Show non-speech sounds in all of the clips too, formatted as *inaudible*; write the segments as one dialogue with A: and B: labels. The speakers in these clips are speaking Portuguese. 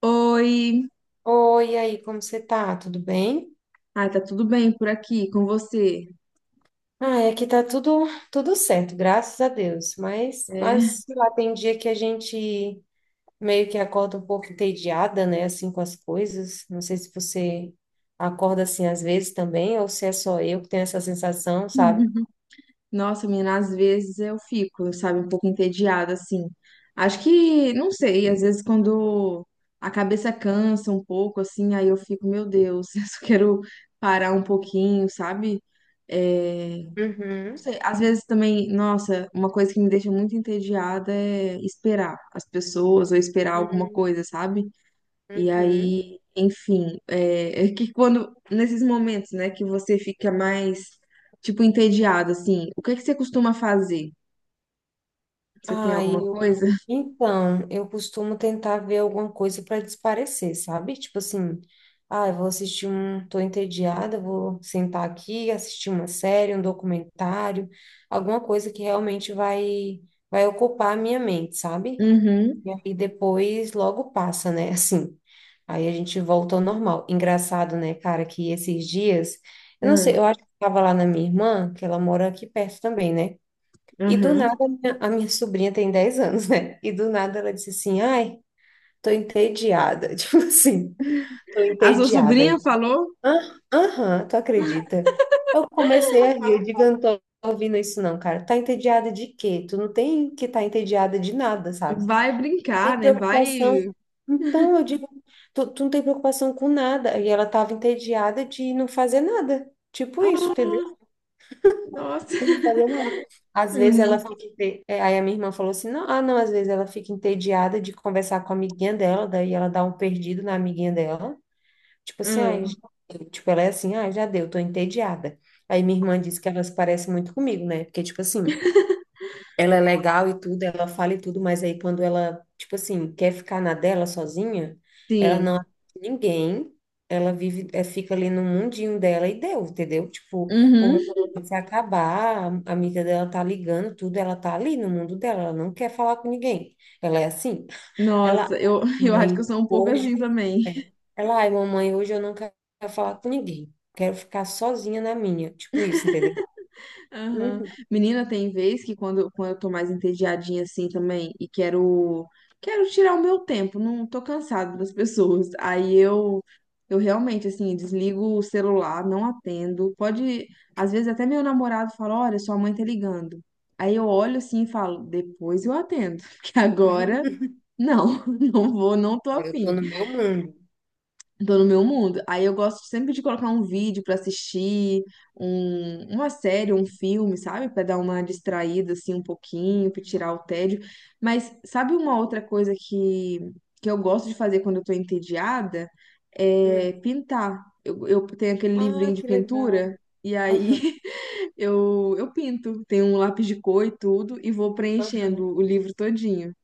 A: Oi,
B: Oi, e aí, como você tá? Tudo bem?
A: ai, tá tudo bem por aqui com você?
B: Ah, aqui tá tudo certo, graças a Deus. Mas
A: É,
B: sei lá, tem dia que a gente meio que acorda um pouco entediada, né, assim com as coisas. Não sei se você acorda assim às vezes também, ou se é só eu que tenho essa sensação, sabe?
A: nossa, menina, às vezes eu fico, sabe, um pouco entediada assim. Acho que, não sei, às vezes quando a cabeça cansa um pouco assim, aí eu fico, meu Deus, *laughs* eu só quero parar um pouquinho, sabe? É, não
B: Uhum,
A: sei, às vezes também, nossa, uma coisa que me deixa muito entediada é esperar as pessoas ou esperar alguma
B: uhum,
A: coisa, sabe? E
B: uhum.
A: aí, enfim, é que quando, nesses momentos, né, que você fica mais, tipo, entediado, assim, o que é que você costuma fazer? Você tem
B: Ai,
A: alguma coisa? *laughs*
B: então, eu costumo tentar ver alguma coisa para desaparecer, sabe? Tipo assim, ah, eu vou assistir um, tô entediada, vou sentar aqui, assistir uma série, um documentário, alguma coisa que realmente vai ocupar a minha mente, sabe?
A: Uhum,
B: E aí depois logo passa, né? *laughs* Assim. Aí a gente volta ao normal. Engraçado, né, cara, que esses dias, eu não sei,
A: aham.
B: eu acho que estava lá na minha irmã, que ela mora aqui perto também, né? E do
A: Aham.
B: nada, a minha sobrinha tem 10 anos, né? E do nada ela disse assim: ai, tô entediada. *laughs* Tipo assim, tô
A: A sua
B: entediada.
A: sobrinha
B: Aí,
A: falou,
B: "Ah, aham, tu acredita? Eu comecei a rir. Eu digo: eu não tô ouvindo isso, não, cara. Tá entediada de quê? Tu não tem que estar tá entediada de nada, sabe?
A: vai brincar,
B: Tem
A: né,
B: preocupação.
A: vai...
B: Então, eu digo: tu não tem preocupação com nada. E ela tava entediada de não fazer nada. Tipo isso, entendeu?
A: Ah, nossa,
B: Não
A: *laughs*
B: fazer nada. Às vezes ela
A: menino.
B: fica. É, aí a minha irmã falou assim: não, ah, não, às vezes ela fica entediada de conversar com a amiguinha dela, daí ela dá um perdido na amiguinha dela. Tipo assim, ai,
A: Ah,
B: tipo, ela é assim, ah, já deu, tô entediada. Aí minha irmã disse que elas parecem muito comigo, né? Porque, tipo assim, ela é legal e tudo, ela fala e tudo, mas aí quando ela, tipo assim, quer ficar na dela sozinha, ela
A: sim,
B: não atende ninguém, ela vive, é, fica ali no mundinho dela e deu, entendeu? Tipo, o mundo
A: uhum.
B: vai se acabar, a amiga dela tá ligando, tudo, ela tá ali no mundo dela, ela não quer falar com ninguém. Ela é assim. Ela,
A: Nossa, eu, *laughs* eu acho que eu
B: mãe,
A: sou um pouco assim
B: hoje,
A: também.
B: é, ela, ai, mamãe, hoje eu não quero falar com ninguém. Quero ficar sozinha na minha. Tipo isso, entendeu?
A: Aham.
B: Uhum.
A: Menina, tem vez que quando, quando eu tô mais entediadinha assim também e quero tirar o meu tempo, não tô cansada das pessoas. Aí eu realmente assim desligo o celular, não atendo. Pode, às vezes até meu namorado fala, olha, sua mãe tá ligando. Aí eu olho assim e falo, depois eu atendo, *laughs* porque agora não, *laughs* não vou, não tô
B: Eu tô
A: afim.
B: no meu mundo.
A: Tô no meu mundo. Aí eu gosto sempre de colocar um vídeo pra assistir, uma série, um filme, sabe? Pra dar uma distraída assim um pouquinho, pra tirar o tédio. Mas sabe uma outra coisa que eu gosto de fazer quando eu tô entediada? É
B: Uhum.
A: pintar. Eu tenho aquele
B: Ah,
A: livrinho de
B: que legal.
A: pintura e aí
B: Aham,
A: *laughs* eu pinto. Tenho um lápis de cor e tudo e vou preenchendo
B: aham.
A: o livro todinho.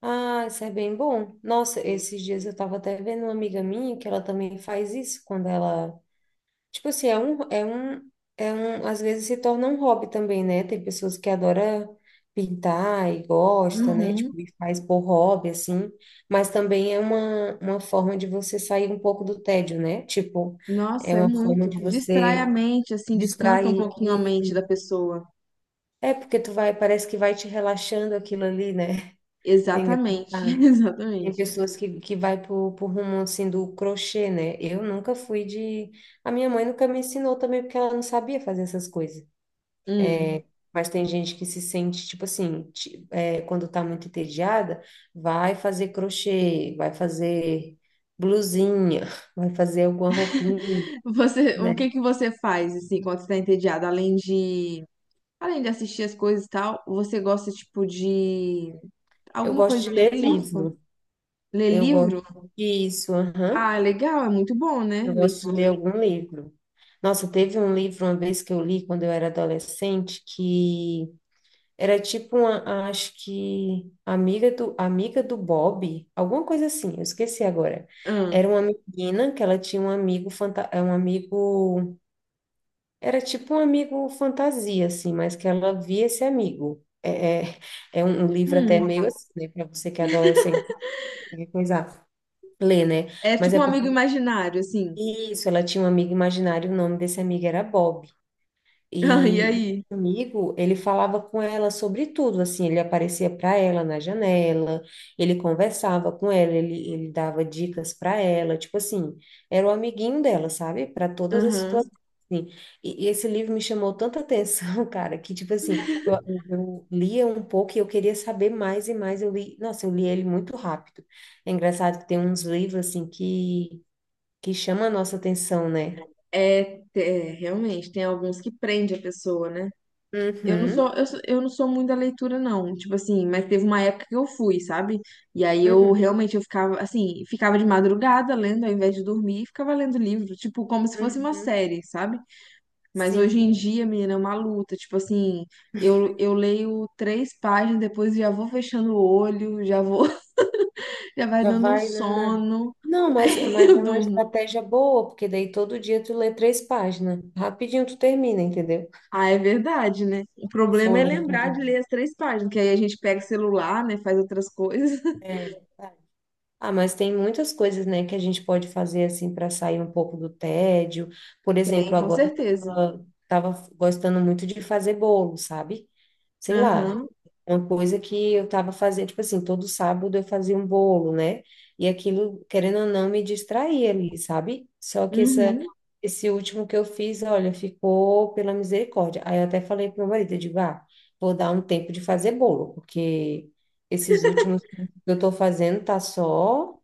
B: Ah, isso é bem bom. Nossa, esses dias eu tava até vendo uma amiga minha que ela também faz isso quando ela, tipo assim, é um, às vezes se torna um hobby também, né? Tem pessoas que adoram pintar e gosta, né?
A: Uhum.
B: Tipo, e faz por hobby assim, mas também é uma forma de você sair um pouco do tédio, né? Tipo, é
A: Nossa, é
B: uma forma
A: muito.
B: de
A: Distrai a
B: você
A: mente, assim, descansa um
B: distrair
A: pouquinho a
B: e
A: mente da pessoa.
B: é porque tu vai, parece que vai te relaxando aquilo ali, né? É
A: Exatamente, *laughs*
B: engraçado. Tem
A: exatamente.
B: pessoas que vai pro rumo assim do crochê, né? Eu nunca fui de. A minha mãe nunca me ensinou também, porque ela não sabia fazer essas coisas.
A: Hum.
B: Mas tem gente que se sente, tipo assim, é, quando tá muito entediada, vai fazer crochê, vai fazer blusinha, *laughs* vai fazer alguma roupinha,
A: Você, o que
B: né?
A: que você faz, assim, quando você tá entediado? Além de assistir as coisas e tal, você gosta, tipo, de
B: Eu
A: alguma
B: gosto
A: coisa
B: de ler
A: específica?
B: livro.
A: Ler
B: Eu gosto
A: livro?
B: disso, aham.
A: Ah, legal, é muito bom, né?
B: Eu gosto de ler
A: Leitura.
B: algum livro. Nossa, teve um livro uma vez que eu li quando eu era adolescente que era tipo uma, acho que amiga do Bob, alguma coisa assim, eu esqueci agora.
A: Ah.
B: Era uma menina que ela tinha um amigo, era tipo um amigo fantasia assim, mas que ela via esse amigo. É, é um livro até
A: Hum.
B: meio assim, né, para você que é adolescente, qualquer coisa ler, né?
A: É
B: Mas
A: tipo
B: é
A: um
B: porque
A: amigo imaginário, assim. *laughs*
B: isso, ela tinha um amigo imaginário, o nome desse amigo era Bob.
A: Ah, e
B: E esse
A: aí?
B: amigo, ele falava com ela sobre tudo, assim, ele aparecia para ela na janela, ele conversava com ela, ele dava dicas para ela, tipo assim, era o amiguinho dela, sabe? Para todas as
A: Aham.
B: situações. Assim. E esse livro me chamou tanta atenção, *laughs* cara, que tipo assim, eu lia um pouco e eu queria saber mais e mais. Eu li, nossa, eu li ele muito rápido. É engraçado que tem uns livros assim que chama a nossa atenção, né?
A: É, é, realmente, tem alguns que prende a pessoa, né? Eu não sou,
B: Uhum,
A: eu, eu não sou muito da leitura, não. Tipo assim, mas teve uma época que eu fui, sabe? E aí eu
B: uhum,
A: realmente eu ficava assim, ficava de madrugada lendo ao invés de dormir e ficava lendo livro, tipo, como se fosse uma
B: uhum,
A: série, sabe? Mas
B: sim,
A: hoje em dia, menina, é uma luta. Tipo assim, eu leio três páginas, depois já vou fechando o olho, já vou, *laughs* já vai
B: já
A: dando um
B: vai, né? Né.
A: sono,
B: Não, mas,
A: aí *laughs*
B: mas
A: eu
B: é uma
A: durmo.
B: estratégia boa, porque daí todo dia tu lê 3 páginas, rapidinho tu termina, entendeu?
A: Ah, é verdade, né? O
B: Vou
A: problema é
B: ler
A: lembrar de ler
B: tudo.
A: as três páginas, que aí a gente pega o celular, né, faz outras coisas.
B: É, ah, mas tem muitas coisas, né, que a gente pode fazer assim para sair um pouco do tédio. Por
A: *laughs* Tem,
B: exemplo,
A: com
B: agora
A: certeza.
B: eu estava gostando muito de fazer bolo, sabe? Sei lá,
A: Aham.
B: uma coisa que eu tava fazendo, tipo assim, todo sábado eu fazia um bolo, né? E aquilo, querendo ou não, me distraía ali, sabe? Só que
A: Uhum.
B: esse último que eu fiz, olha, ficou pela misericórdia. Aí eu até falei pro meu marido, eu digo, ah, vou dar um tempo de fazer bolo, porque esses últimos que eu tô fazendo tá só,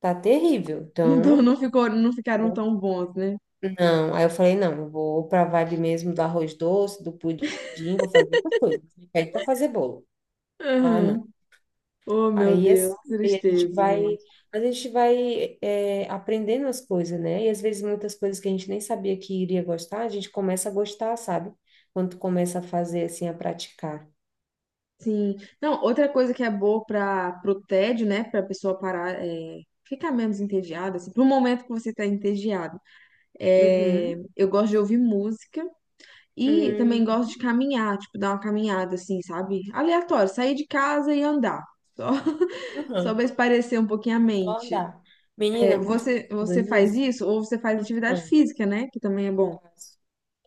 B: tá terrível.
A: Então
B: Então,
A: não ficou, não ficaram
B: vou-
A: tão bons, né?
B: não. Aí eu falei, não, eu vou pra vibe mesmo do arroz doce, do pudim, vou fazer outra coisa. Me pede pra fazer bolo. Ah, não.
A: Aham. Oh, meu
B: Aí
A: Deus,
B: assim,
A: que
B: aí
A: tristeza, gente.
B: a gente vai é, aprendendo as coisas, né? E às vezes muitas coisas que a gente nem sabia que iria gostar, a gente começa a gostar, sabe? Quando tu começa a fazer assim, a praticar.
A: Sim. Não, outra coisa que é boa para pro tédio, né? Pra pessoa parar, é, ficar menos entediada, assim, pro momento que você tá entediado. É,
B: Uhum.
A: eu gosto de ouvir música e
B: Hum.
A: também gosto de caminhar, tipo, dar uma caminhada, assim, sabe? Aleatório, sair de casa e andar. Só, *laughs* só pra
B: Uhum.
A: espairecer um pouquinho a
B: Só
A: mente.
B: andar.
A: É,
B: Menina, tu tá
A: você
B: falando
A: faz
B: nisso?
A: isso ou você faz atividade
B: Não,
A: física, né? Que também é
B: tá.
A: bom.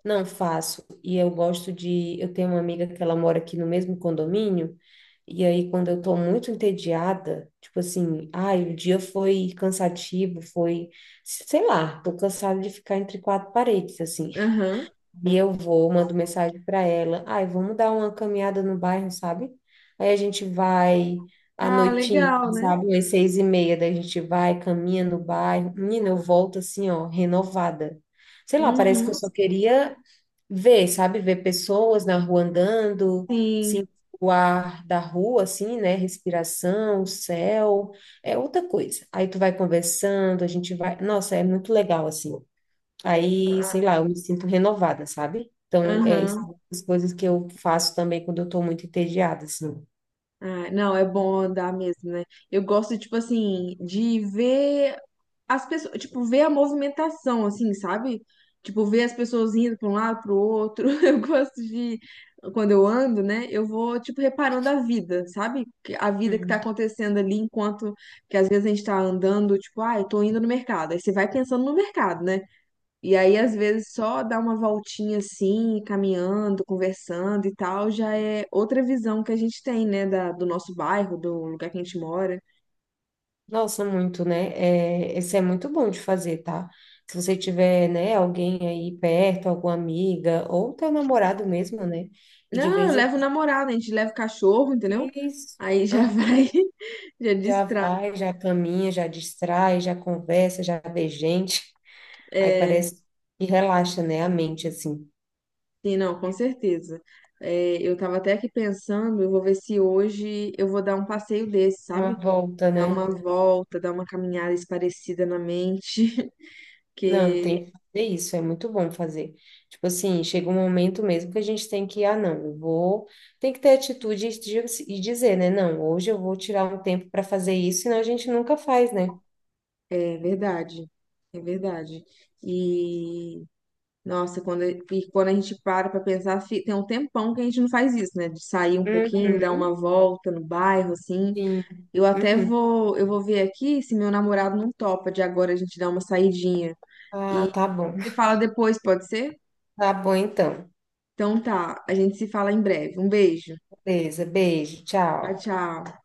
B: Não faço. E eu gosto de. Eu tenho uma amiga que ela mora aqui no mesmo condomínio. E aí, quando eu tô muito entediada, tipo assim, ai, o dia foi cansativo, foi, sei lá, tô cansada de ficar entre quatro paredes, assim.
A: Aham.
B: E eu vou, mando mensagem para ela, ai, vamos dar uma caminhada no bairro, sabe? Aí a gente vai à
A: Ah,
B: noitinha,
A: legal,
B: assim,
A: né?
B: sabe? Às 6h30, daí a gente vai, caminha no bairro. Menina, eu volto assim, ó, renovada. Sei lá, parece que eu
A: Uhum,
B: só queria ver, sabe? Ver pessoas na rua andando,
A: sim.
B: sentir o ar da rua, assim, né? Respiração, o céu, é outra coisa. Aí tu vai conversando, a gente vai. Nossa, é muito legal, assim. Aí, sei lá, eu me sinto renovada, sabe? Então, é isso,
A: Aham.
B: são as coisas que eu faço também quando eu tô muito entediada, assim.
A: Ah, não, é bom andar mesmo, né? Eu gosto, tipo assim, de ver as pessoas, tipo, ver a movimentação, assim, sabe? Tipo, ver as pessoas indo para um lado, para o outro. *laughs* Eu gosto de, quando eu ando, né? Eu vou, tipo, reparando a vida, sabe? A vida que tá
B: Hum.
A: acontecendo ali, enquanto que às vezes a gente tá andando, tipo, ah, eu tô indo no mercado. Aí você vai pensando no mercado, né? E aí, às vezes, só dar uma voltinha assim, caminhando, conversando e tal, já é outra visão que a gente tem, né, do nosso bairro, do lugar que a gente mora.
B: Nossa, muito, né? É, esse é muito bom de fazer, tá? Se você tiver, né, alguém aí perto, alguma amiga, ou teu namorado mesmo, né? E de
A: Não, eu
B: vez em.
A: levo o namorado, a gente leva o cachorro, entendeu?
B: Isso.
A: Aí já
B: Aham.
A: vai, *laughs* já
B: Já
A: distrai.
B: vai, já caminha, já distrai, já conversa, já vê gente. Aí
A: É,
B: parece que relaxa, né? A mente, assim.
A: sim, não, com certeza. É, eu tava até aqui pensando, eu vou ver se hoje eu vou dar um passeio desse,
B: Uma
A: sabe?
B: volta,
A: Dar
B: né?
A: uma volta, dar uma caminhada esparecida na mente, *laughs*
B: Não,
A: porque
B: tem que fazer isso. É muito bom fazer. Tipo assim, chega um momento mesmo que a gente tem que, ah, não, eu vou. Tem que ter atitude e e dizer, né? Não, hoje eu vou tirar um tempo para fazer isso, senão a gente nunca faz, né?
A: é verdade, é verdade. E nossa, quando, e quando a gente para pra pensar, tem um tempão que a gente não faz isso, né? De sair um pouquinho, dar
B: Uhum,
A: uma volta no bairro, assim.
B: sim.
A: Eu até
B: Uhum.
A: vou, eu vou ver aqui se meu namorado não topa de agora a gente dar uma saidinha.
B: Ah,
A: E
B: tá bom.
A: você fala depois, pode ser?
B: Tá bom, então.
A: Então tá, a gente se fala em breve. Um beijo.
B: Beleza, beijo,
A: Tchau,
B: tchau.
A: tchau.